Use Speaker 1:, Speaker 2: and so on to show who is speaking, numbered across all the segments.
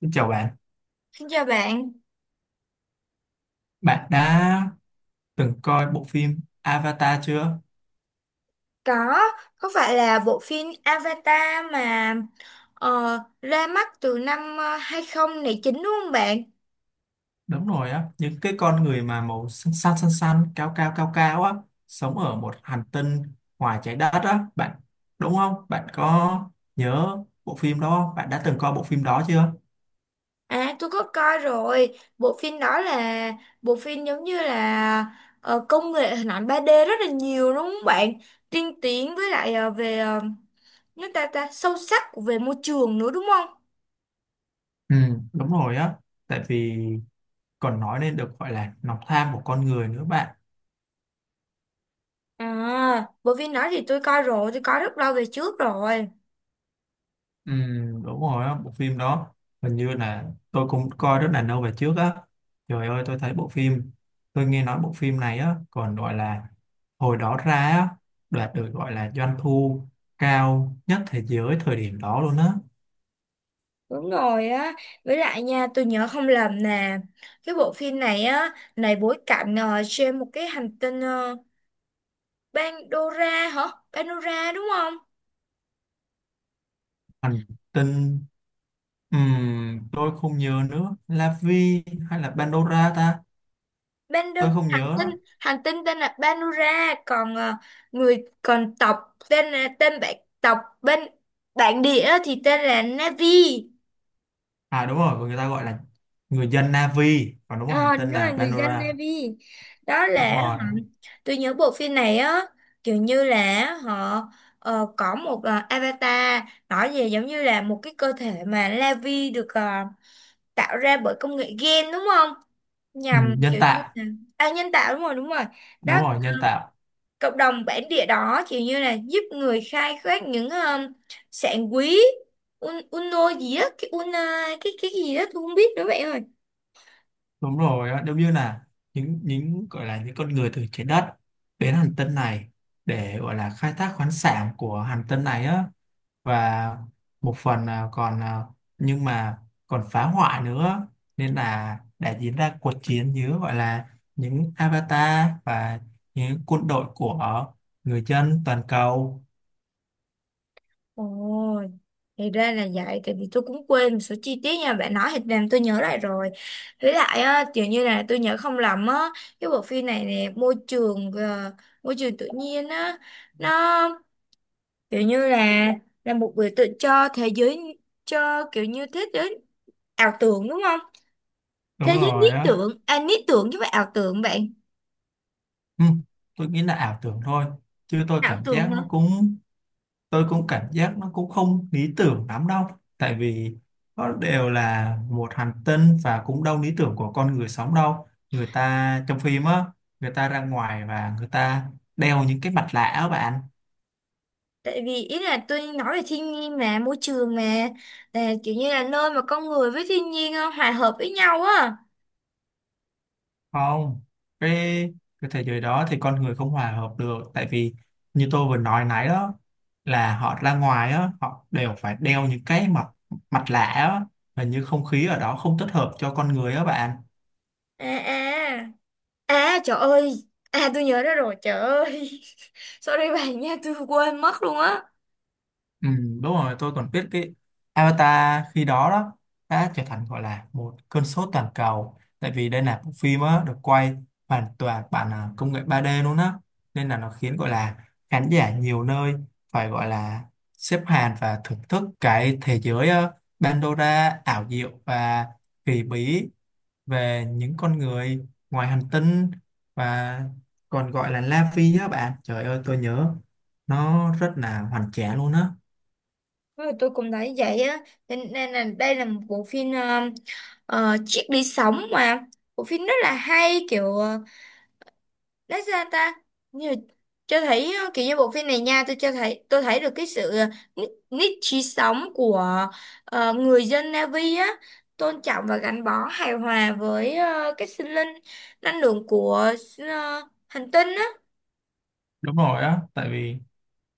Speaker 1: Xin chào bạn,
Speaker 2: Xin chào bạn.
Speaker 1: bạn đã từng coi bộ phim Avatar chưa?
Speaker 2: Có, có phải là bộ phim Avatar mà ờ, ra mắt từ năm 2009 đúng không bạn?
Speaker 1: Đúng rồi á, những cái con người mà màu xanh xanh, cao cao á, sống ở một hành tinh ngoài trái đất á, bạn đúng không? Bạn có nhớ bộ phim đó không? Bạn đã từng coi bộ phim đó chưa?
Speaker 2: À, tôi có coi rồi. Bộ phim đó là bộ phim giống như là công nghệ hình ảnh 3D rất là nhiều đúng không bạn? Tiên tiến với lại về nước ta ta sâu sắc về môi trường nữa đúng không?
Speaker 1: Ừ, đúng rồi á, tại vì còn nói nên được gọi là lòng tham của con người nữa bạn.
Speaker 2: À, bộ phim đó thì tôi coi rồi, tôi coi rất lâu về trước rồi.
Speaker 1: Ừ, đúng rồi á, bộ phim đó hình như là tôi cũng coi rất là lâu về trước á. Trời ơi, tôi thấy bộ phim, tôi nghe nói bộ phim này á còn gọi là hồi đó ra á, đạt được gọi là doanh thu cao nhất thế giới thời điểm đó luôn á.
Speaker 2: Đúng rồi á, với lại nha, tôi nhớ không lầm nè, cái bộ phim này á, này bối cảnh trên một cái hành tinh Pandora hả? Pandora đúng không?
Speaker 1: Hành tinh tôi không nhớ nữa, La Vi hay là Pandora ta,
Speaker 2: Pando,
Speaker 1: tôi không
Speaker 2: hành
Speaker 1: nhớ.
Speaker 2: tinh, hành tinh tên là Pandora, còn người còn tộc tên là tên bạn tộc bên bản địa thì tên là Navi.
Speaker 1: À đúng rồi, người ta gọi là người dân Navi, còn đúng rồi, hành
Speaker 2: Ờ,
Speaker 1: tinh
Speaker 2: đó là
Speaker 1: là
Speaker 2: người dân
Speaker 1: Pandora.
Speaker 2: Navy, đó là
Speaker 1: Đúng
Speaker 2: hả?
Speaker 1: rồi.
Speaker 2: Tôi nhớ bộ phim này á, kiểu như là họ có một avatar, nói về giống như là một cái cơ thể mà Navy được tạo ra bởi công nghệ gen đúng không,
Speaker 1: Ừ,
Speaker 2: nhằm
Speaker 1: nhân
Speaker 2: kiểu như
Speaker 1: tạo.
Speaker 2: là à, nhân tạo, đúng rồi, đúng rồi
Speaker 1: Đúng
Speaker 2: đó.
Speaker 1: rồi, nhân tạo.
Speaker 2: Cộng đồng bản địa đó kiểu như là giúp người khai thác những sản quý, uno gì á, cái una, cái gì đó tôi không biết nữa bạn ơi.
Speaker 1: Đúng rồi á, giống như là những gọi là những con người từ trái đất đến hành tinh này để gọi là khai thác khoáng sản của hành tinh này á, và một phần là còn nhưng mà còn phá hoại nữa, nên là đã diễn ra cuộc chiến giữa gọi là những avatar và những quân đội của người dân toàn cầu.
Speaker 2: Ồ, thì ra là vậy, tại vì tôi cũng quên một số chi tiết nha, bạn nói thì làm tôi nhớ lại rồi. Với lại á, kiểu như là tôi nhớ không lầm á, cái bộ phim này nè, môi trường tự nhiên á, nó kiểu như là một biểu tượng cho thế giới, cho kiểu như thế giới ảo tưởng đúng không? Thế
Speaker 1: Đúng
Speaker 2: giới
Speaker 1: rồi
Speaker 2: lý
Speaker 1: á.
Speaker 2: tưởng, à lý tưởng chứ phải ảo tưởng bạn.
Speaker 1: Ừ, tôi nghĩ là ảo tưởng thôi, chứ tôi
Speaker 2: Ảo
Speaker 1: cảm giác
Speaker 2: tưởng,
Speaker 1: nó cũng tôi cũng cảm giác nó cũng không lý tưởng lắm đâu, tại vì nó đều là một hành tinh và cũng đâu lý tưởng của con người sống đâu, người ta trong phim á, người ta ra ngoài và người ta đeo những cái mặt nạ á bạn.
Speaker 2: tại vì ý là tôi nói về thiên nhiên mà môi trường mà là kiểu như là nơi mà con người với thiên nhiên hòa hợp với nhau á.
Speaker 1: Không, cái cái thế giới đó thì con người không hòa hợp được, tại vì như tôi vừa nói nãy đó, là họ ra ngoài á, họ đều phải đeo những cái mặt mặt nạ á, hình như không khí ở đó không thích hợp cho con người á bạn.
Speaker 2: À à à trời ơi, à tôi nhớ ra rồi, trời ơi. Sorry bạn nha, tôi quên mất luôn á.
Speaker 1: Ừ, đúng rồi, tôi còn biết cái Avatar khi đó đó đã trở thành gọi là một cơn sốt toàn cầu, tại vì đây là bộ phim á, được quay hoàn toàn bằng công nghệ 3D luôn á, nên là nó khiến gọi là khán giả nhiều nơi phải gọi là xếp hàng và thưởng thức cái thế giới Pandora ảo diệu và kỳ bí về những con người ngoài hành tinh, và còn gọi là La Phi á bạn. Trời ơi, tôi nhớ nó rất là hoành tráng luôn á.
Speaker 2: Rồi tôi cũng thấy vậy á. Cho nên là đây là một bộ phim chiếc đi sống mà bộ phim rất là hay kiểu à, lấy ra ta như, cho thấy kiểu như bộ phim này nha, tôi cho thấy tôi thấy được cái sự nít nít trí sống của người dân Navi á, tôn trọng và gắn bó hài hòa với cái sinh linh năng lượng của ờ, hành tinh á.
Speaker 1: Đúng rồi á, tại vì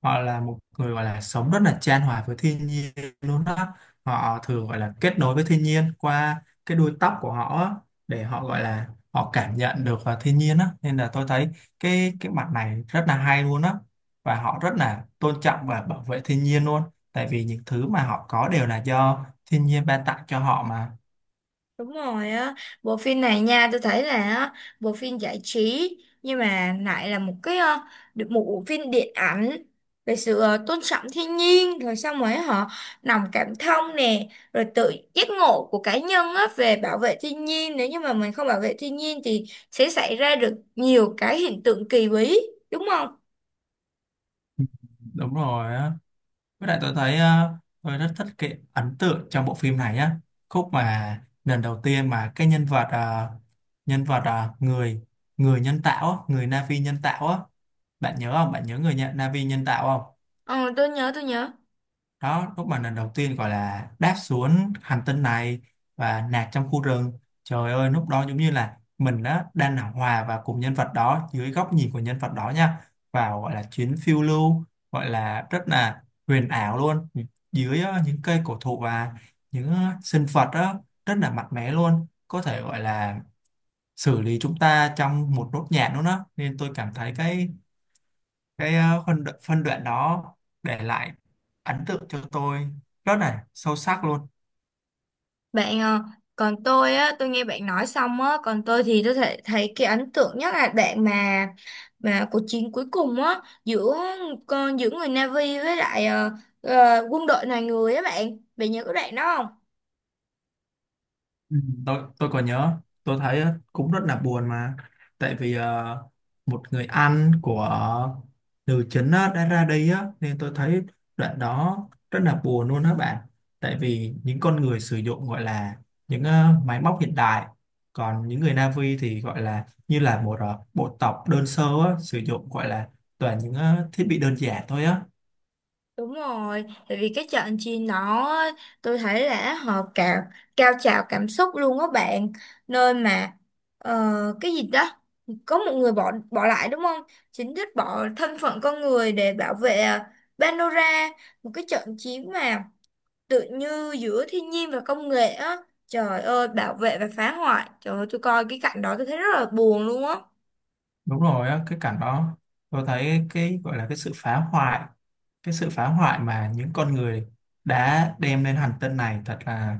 Speaker 1: họ là một người gọi là sống rất là chan hòa với thiên nhiên luôn đó, họ thường gọi là kết nối với thiên nhiên qua cái đuôi tóc của họ á, để họ gọi là họ cảm nhận được thiên nhiên á, nên là tôi thấy cái mặt này rất là hay luôn á, và họ rất là tôn trọng và bảo vệ thiên nhiên luôn, tại vì những thứ mà họ có đều là do thiên nhiên ban tặng cho họ mà.
Speaker 2: Đúng rồi á, bộ phim này nha, tôi thấy là á, bộ phim giải trí nhưng mà lại là một cái được một bộ phim điện ảnh về sự tôn trọng thiên nhiên, rồi xong rồi họ lòng cảm thông nè, rồi tự giác ngộ của cá nhân á về bảo vệ thiên nhiên, nếu như mà mình không bảo vệ thiên nhiên thì sẽ xảy ra được nhiều cái hiện tượng kỳ bí đúng không?
Speaker 1: Đúng rồi á. Với lại tôi thấy tôi rất thích cái ấn tượng trong bộ phim này á, khúc mà lần đầu tiên mà cái nhân vật nhân vật người người nhân tạo á, người Na'vi nhân tạo á, bạn nhớ không, bạn nhớ người nhận Na'vi nhân tạo không?
Speaker 2: Ờ, tôi nhớ, tôi nhớ.
Speaker 1: Đó lúc mà lần đầu tiên gọi là đáp xuống hành tinh này và nạt trong khu rừng, trời ơi lúc đó giống như là mình đó đang là hòa vào cùng nhân vật đó dưới góc nhìn của nhân vật đó nha, vào gọi là chuyến phiêu lưu gọi là rất là huyền ảo luôn, dưới những cây cổ thụ và những sinh vật đó rất là mạnh mẽ luôn, có thể gọi là xử lý chúng ta trong một nốt nhạc luôn đó, nên tôi cảm thấy cái phân đoạn đó để lại ấn tượng cho tôi rất là sâu sắc luôn.
Speaker 2: Bạn ờ, Còn tôi á, tôi nghe bạn nói xong á, còn tôi thì tôi thấy cái ấn tượng nhất là đoạn mà cuộc chiến cuối cùng á giữa giữa người Navy với lại quân đội loài người á bạn. Bạn nhớ cái đoạn đó không?
Speaker 1: Ừ. Tôi còn nhớ, tôi thấy cũng rất là buồn mà, tại vì một người anh của nữ chính á, đã ra đi á, nên tôi thấy đoạn đó rất là buồn luôn á bạn, tại vì những con người sử dụng gọi là những máy móc hiện đại, còn những người Na'vi thì gọi là như là một bộ tộc đơn sơ á, sử dụng gọi là toàn những thiết bị đơn giản thôi á.
Speaker 2: Đúng rồi, tại vì cái trận chia nó, tôi thấy là họ cao cao trào cảm xúc luôn á bạn, nơi mà cái gì đó có một người bỏ bỏ lại đúng không? Chính thức bỏ thân phận con người để bảo vệ Pandora, một cái trận chiến mà tự như giữa thiên nhiên và công nghệ á. Trời ơi, bảo vệ và phá hoại. Trời ơi, tôi coi cái cảnh đó tôi thấy rất là buồn luôn á.
Speaker 1: Đúng rồi á, cái cảnh đó tôi thấy cái gọi là cái sự phá hoại, cái sự phá hoại mà những con người đã đem lên hành tinh này thật là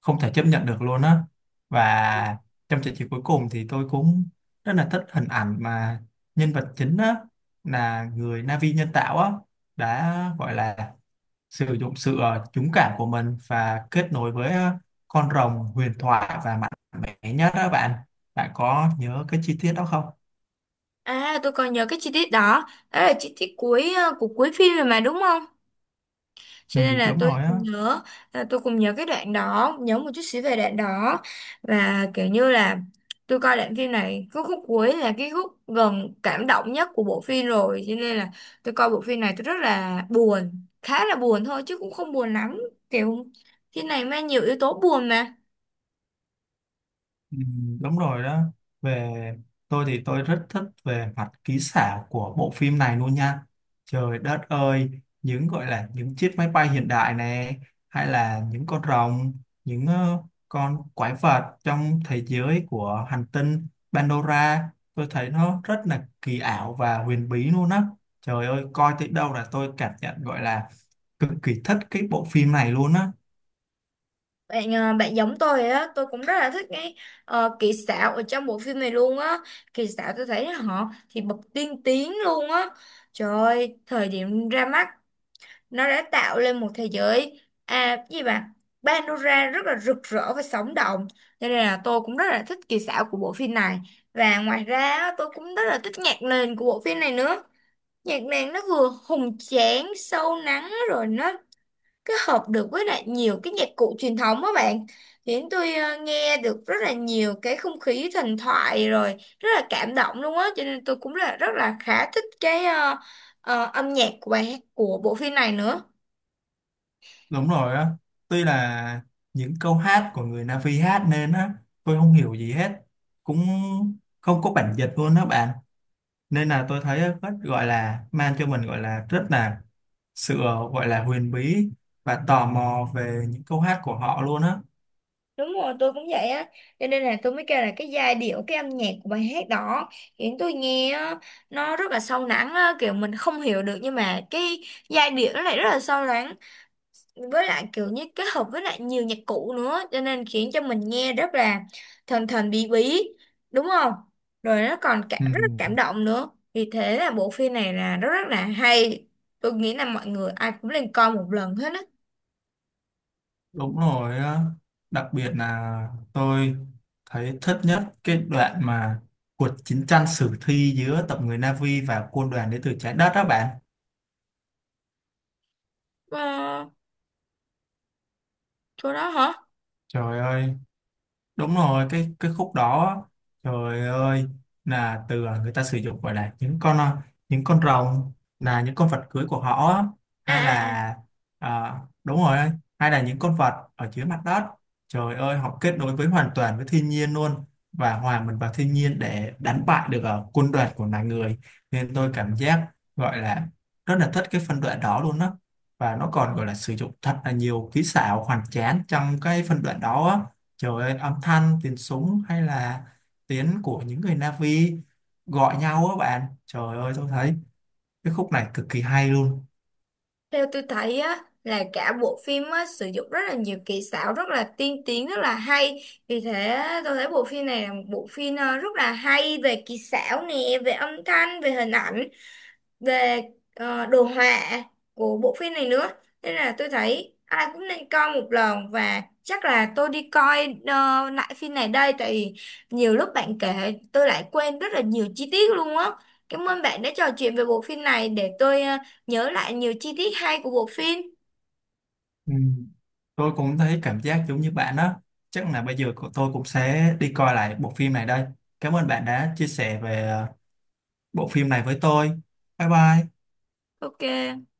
Speaker 1: không thể chấp nhận được luôn á, và trong trận chiến cuối cùng thì tôi cũng rất là thích hình ảnh mà nhân vật chính á là người Na'vi nhân tạo á đã gọi là sử dụng sự dũng cảm của mình và kết nối với con rồng huyền thoại và mạnh mẽ nhất đó bạn, bạn có nhớ cái chi tiết đó không?
Speaker 2: À, tôi còn nhớ cái chi tiết đó, đó là chi tiết cuối của cuối phim rồi mà đúng không? Cho
Speaker 1: Ừ,
Speaker 2: nên là
Speaker 1: đúng
Speaker 2: tôi
Speaker 1: rồi á.
Speaker 2: nhớ, là tôi cũng nhớ cái đoạn đó, nhớ một chút xíu về đoạn đó. Và kiểu như là tôi coi đoạn phim này, cái khúc cuối là cái khúc gần cảm động nhất của bộ phim rồi, cho nên là tôi coi bộ phim này tôi rất là buồn, khá là buồn thôi chứ cũng không buồn lắm, kiểu phim này mang nhiều yếu tố buồn mà.
Speaker 1: Ừ, đúng rồi đó. Về tôi thì tôi rất thích về mặt kỹ xảo của bộ phim này luôn nha, trời đất ơi, những gọi là những chiếc máy bay hiện đại này, hay là những con rồng, những con quái vật trong thế giới của hành tinh Pandora, tôi thấy nó rất là kỳ ảo và huyền bí luôn á, trời ơi coi tới đâu là tôi cảm nhận gọi là cực kỳ thích cái bộ phim này luôn á.
Speaker 2: Bạn giống tôi rồi á, tôi cũng rất là thích cái kỹ xảo ở trong bộ phim này luôn á. Kỹ xảo tôi thấy họ thì bậc tiên tiến luôn á. Trời ơi, thời điểm ra mắt nó đã tạo lên một thế giới à, cái gì mà panorama rất là rực rỡ và sống động, cho nên là tôi cũng rất là thích kỹ xảo của bộ phim này. Và ngoài ra á, tôi cũng rất là thích nhạc nền của bộ phim này nữa. Nhạc nền nó vừa hùng tráng sâu lắng, rồi nó kết hợp được với lại nhiều cái nhạc cụ truyền thống á bạn, khiến tôi nghe được rất là nhiều cái không khí thần thoại, rồi rất là cảm động luôn á. Cho nên tôi cũng là rất là khá thích cái âm nhạc của bài hát của bộ phim này nữa.
Speaker 1: Đúng rồi á, tuy là những câu hát của người Na'vi hát nên á, tôi không hiểu gì hết, cũng không có bản dịch luôn đó bạn. Nên là tôi thấy rất gọi là mang cho mình gọi là rất là sự gọi là huyền bí và tò mò về những câu hát của họ luôn á.
Speaker 2: Đúng rồi, tôi cũng vậy á. Cho nên là tôi mới kêu là cái giai điệu, cái âm nhạc của bài hát đó khiến tôi nghe á, nó rất là sâu lắng á, kiểu mình không hiểu được nhưng mà cái giai điệu nó lại rất là sâu lắng. Với lại kiểu như kết hợp với lại nhiều nhạc cụ nữa, cho nên khiến cho mình nghe rất là thần thần bí bí, đúng không? Rồi nó còn cả,
Speaker 1: Ừ,
Speaker 2: rất là cảm động nữa. Vì thế là bộ phim này là rất rất là hay. Tôi nghĩ là mọi người ai cũng nên coi một lần hết á.
Speaker 1: đúng rồi á, đặc biệt là tôi thấy thích nhất cái đoạn mà cuộc chiến tranh sử thi giữa tộc người Na'vi và quân đoàn đến từ trái đất đó bạn.
Speaker 2: Ờ, chỗ đó hả?
Speaker 1: Trời ơi, đúng rồi cái khúc đó, trời ơi là từ người ta sử dụng gọi là những con những con rồng là những con vật cưới của họ á,
Speaker 2: À,
Speaker 1: hay
Speaker 2: à, à.
Speaker 1: là à, đúng rồi, hay là những con vật ở dưới mặt đất, trời ơi họ kết nối với hoàn toàn với thiên nhiên luôn và hòa mình vào thiên nhiên để đánh bại được quân đoàn của loài người, nên tôi cảm giác gọi là rất là thích cái phân đoạn đó luôn á, và nó còn gọi là sử dụng thật là nhiều kỹ xảo hoàn tráng trong cái phân đoạn đó á. Trời ơi, âm thanh, tiếng súng hay là tiếng của những người Na'vi gọi nhau á bạn. Trời ơi, tôi thấy cái khúc này cực kỳ hay luôn.
Speaker 2: Theo tôi thấy á, là cả bộ phim á, sử dụng rất là nhiều kỹ xảo rất là tiên tiến rất là hay, vì thế tôi thấy bộ phim này là một bộ phim rất là hay về kỹ xảo nè, về âm thanh, về hình ảnh, về đồ họa của bộ phim này nữa. Nên là tôi thấy ai cũng nên coi một lần, và chắc là tôi đi coi lại phim này đây, tại vì nhiều lúc bạn kể tôi lại quên rất là nhiều chi tiết luôn á. Cảm ơn bạn đã trò chuyện về bộ phim này để tôi nhớ lại nhiều chi tiết hay của bộ phim.
Speaker 1: Ừ. Tôi cũng thấy cảm giác giống như bạn đó. Chắc là bây giờ của tôi cũng sẽ đi coi lại bộ phim này đây. Cảm ơn bạn đã chia sẻ về bộ phim này với tôi. Bye bye.
Speaker 2: Ok.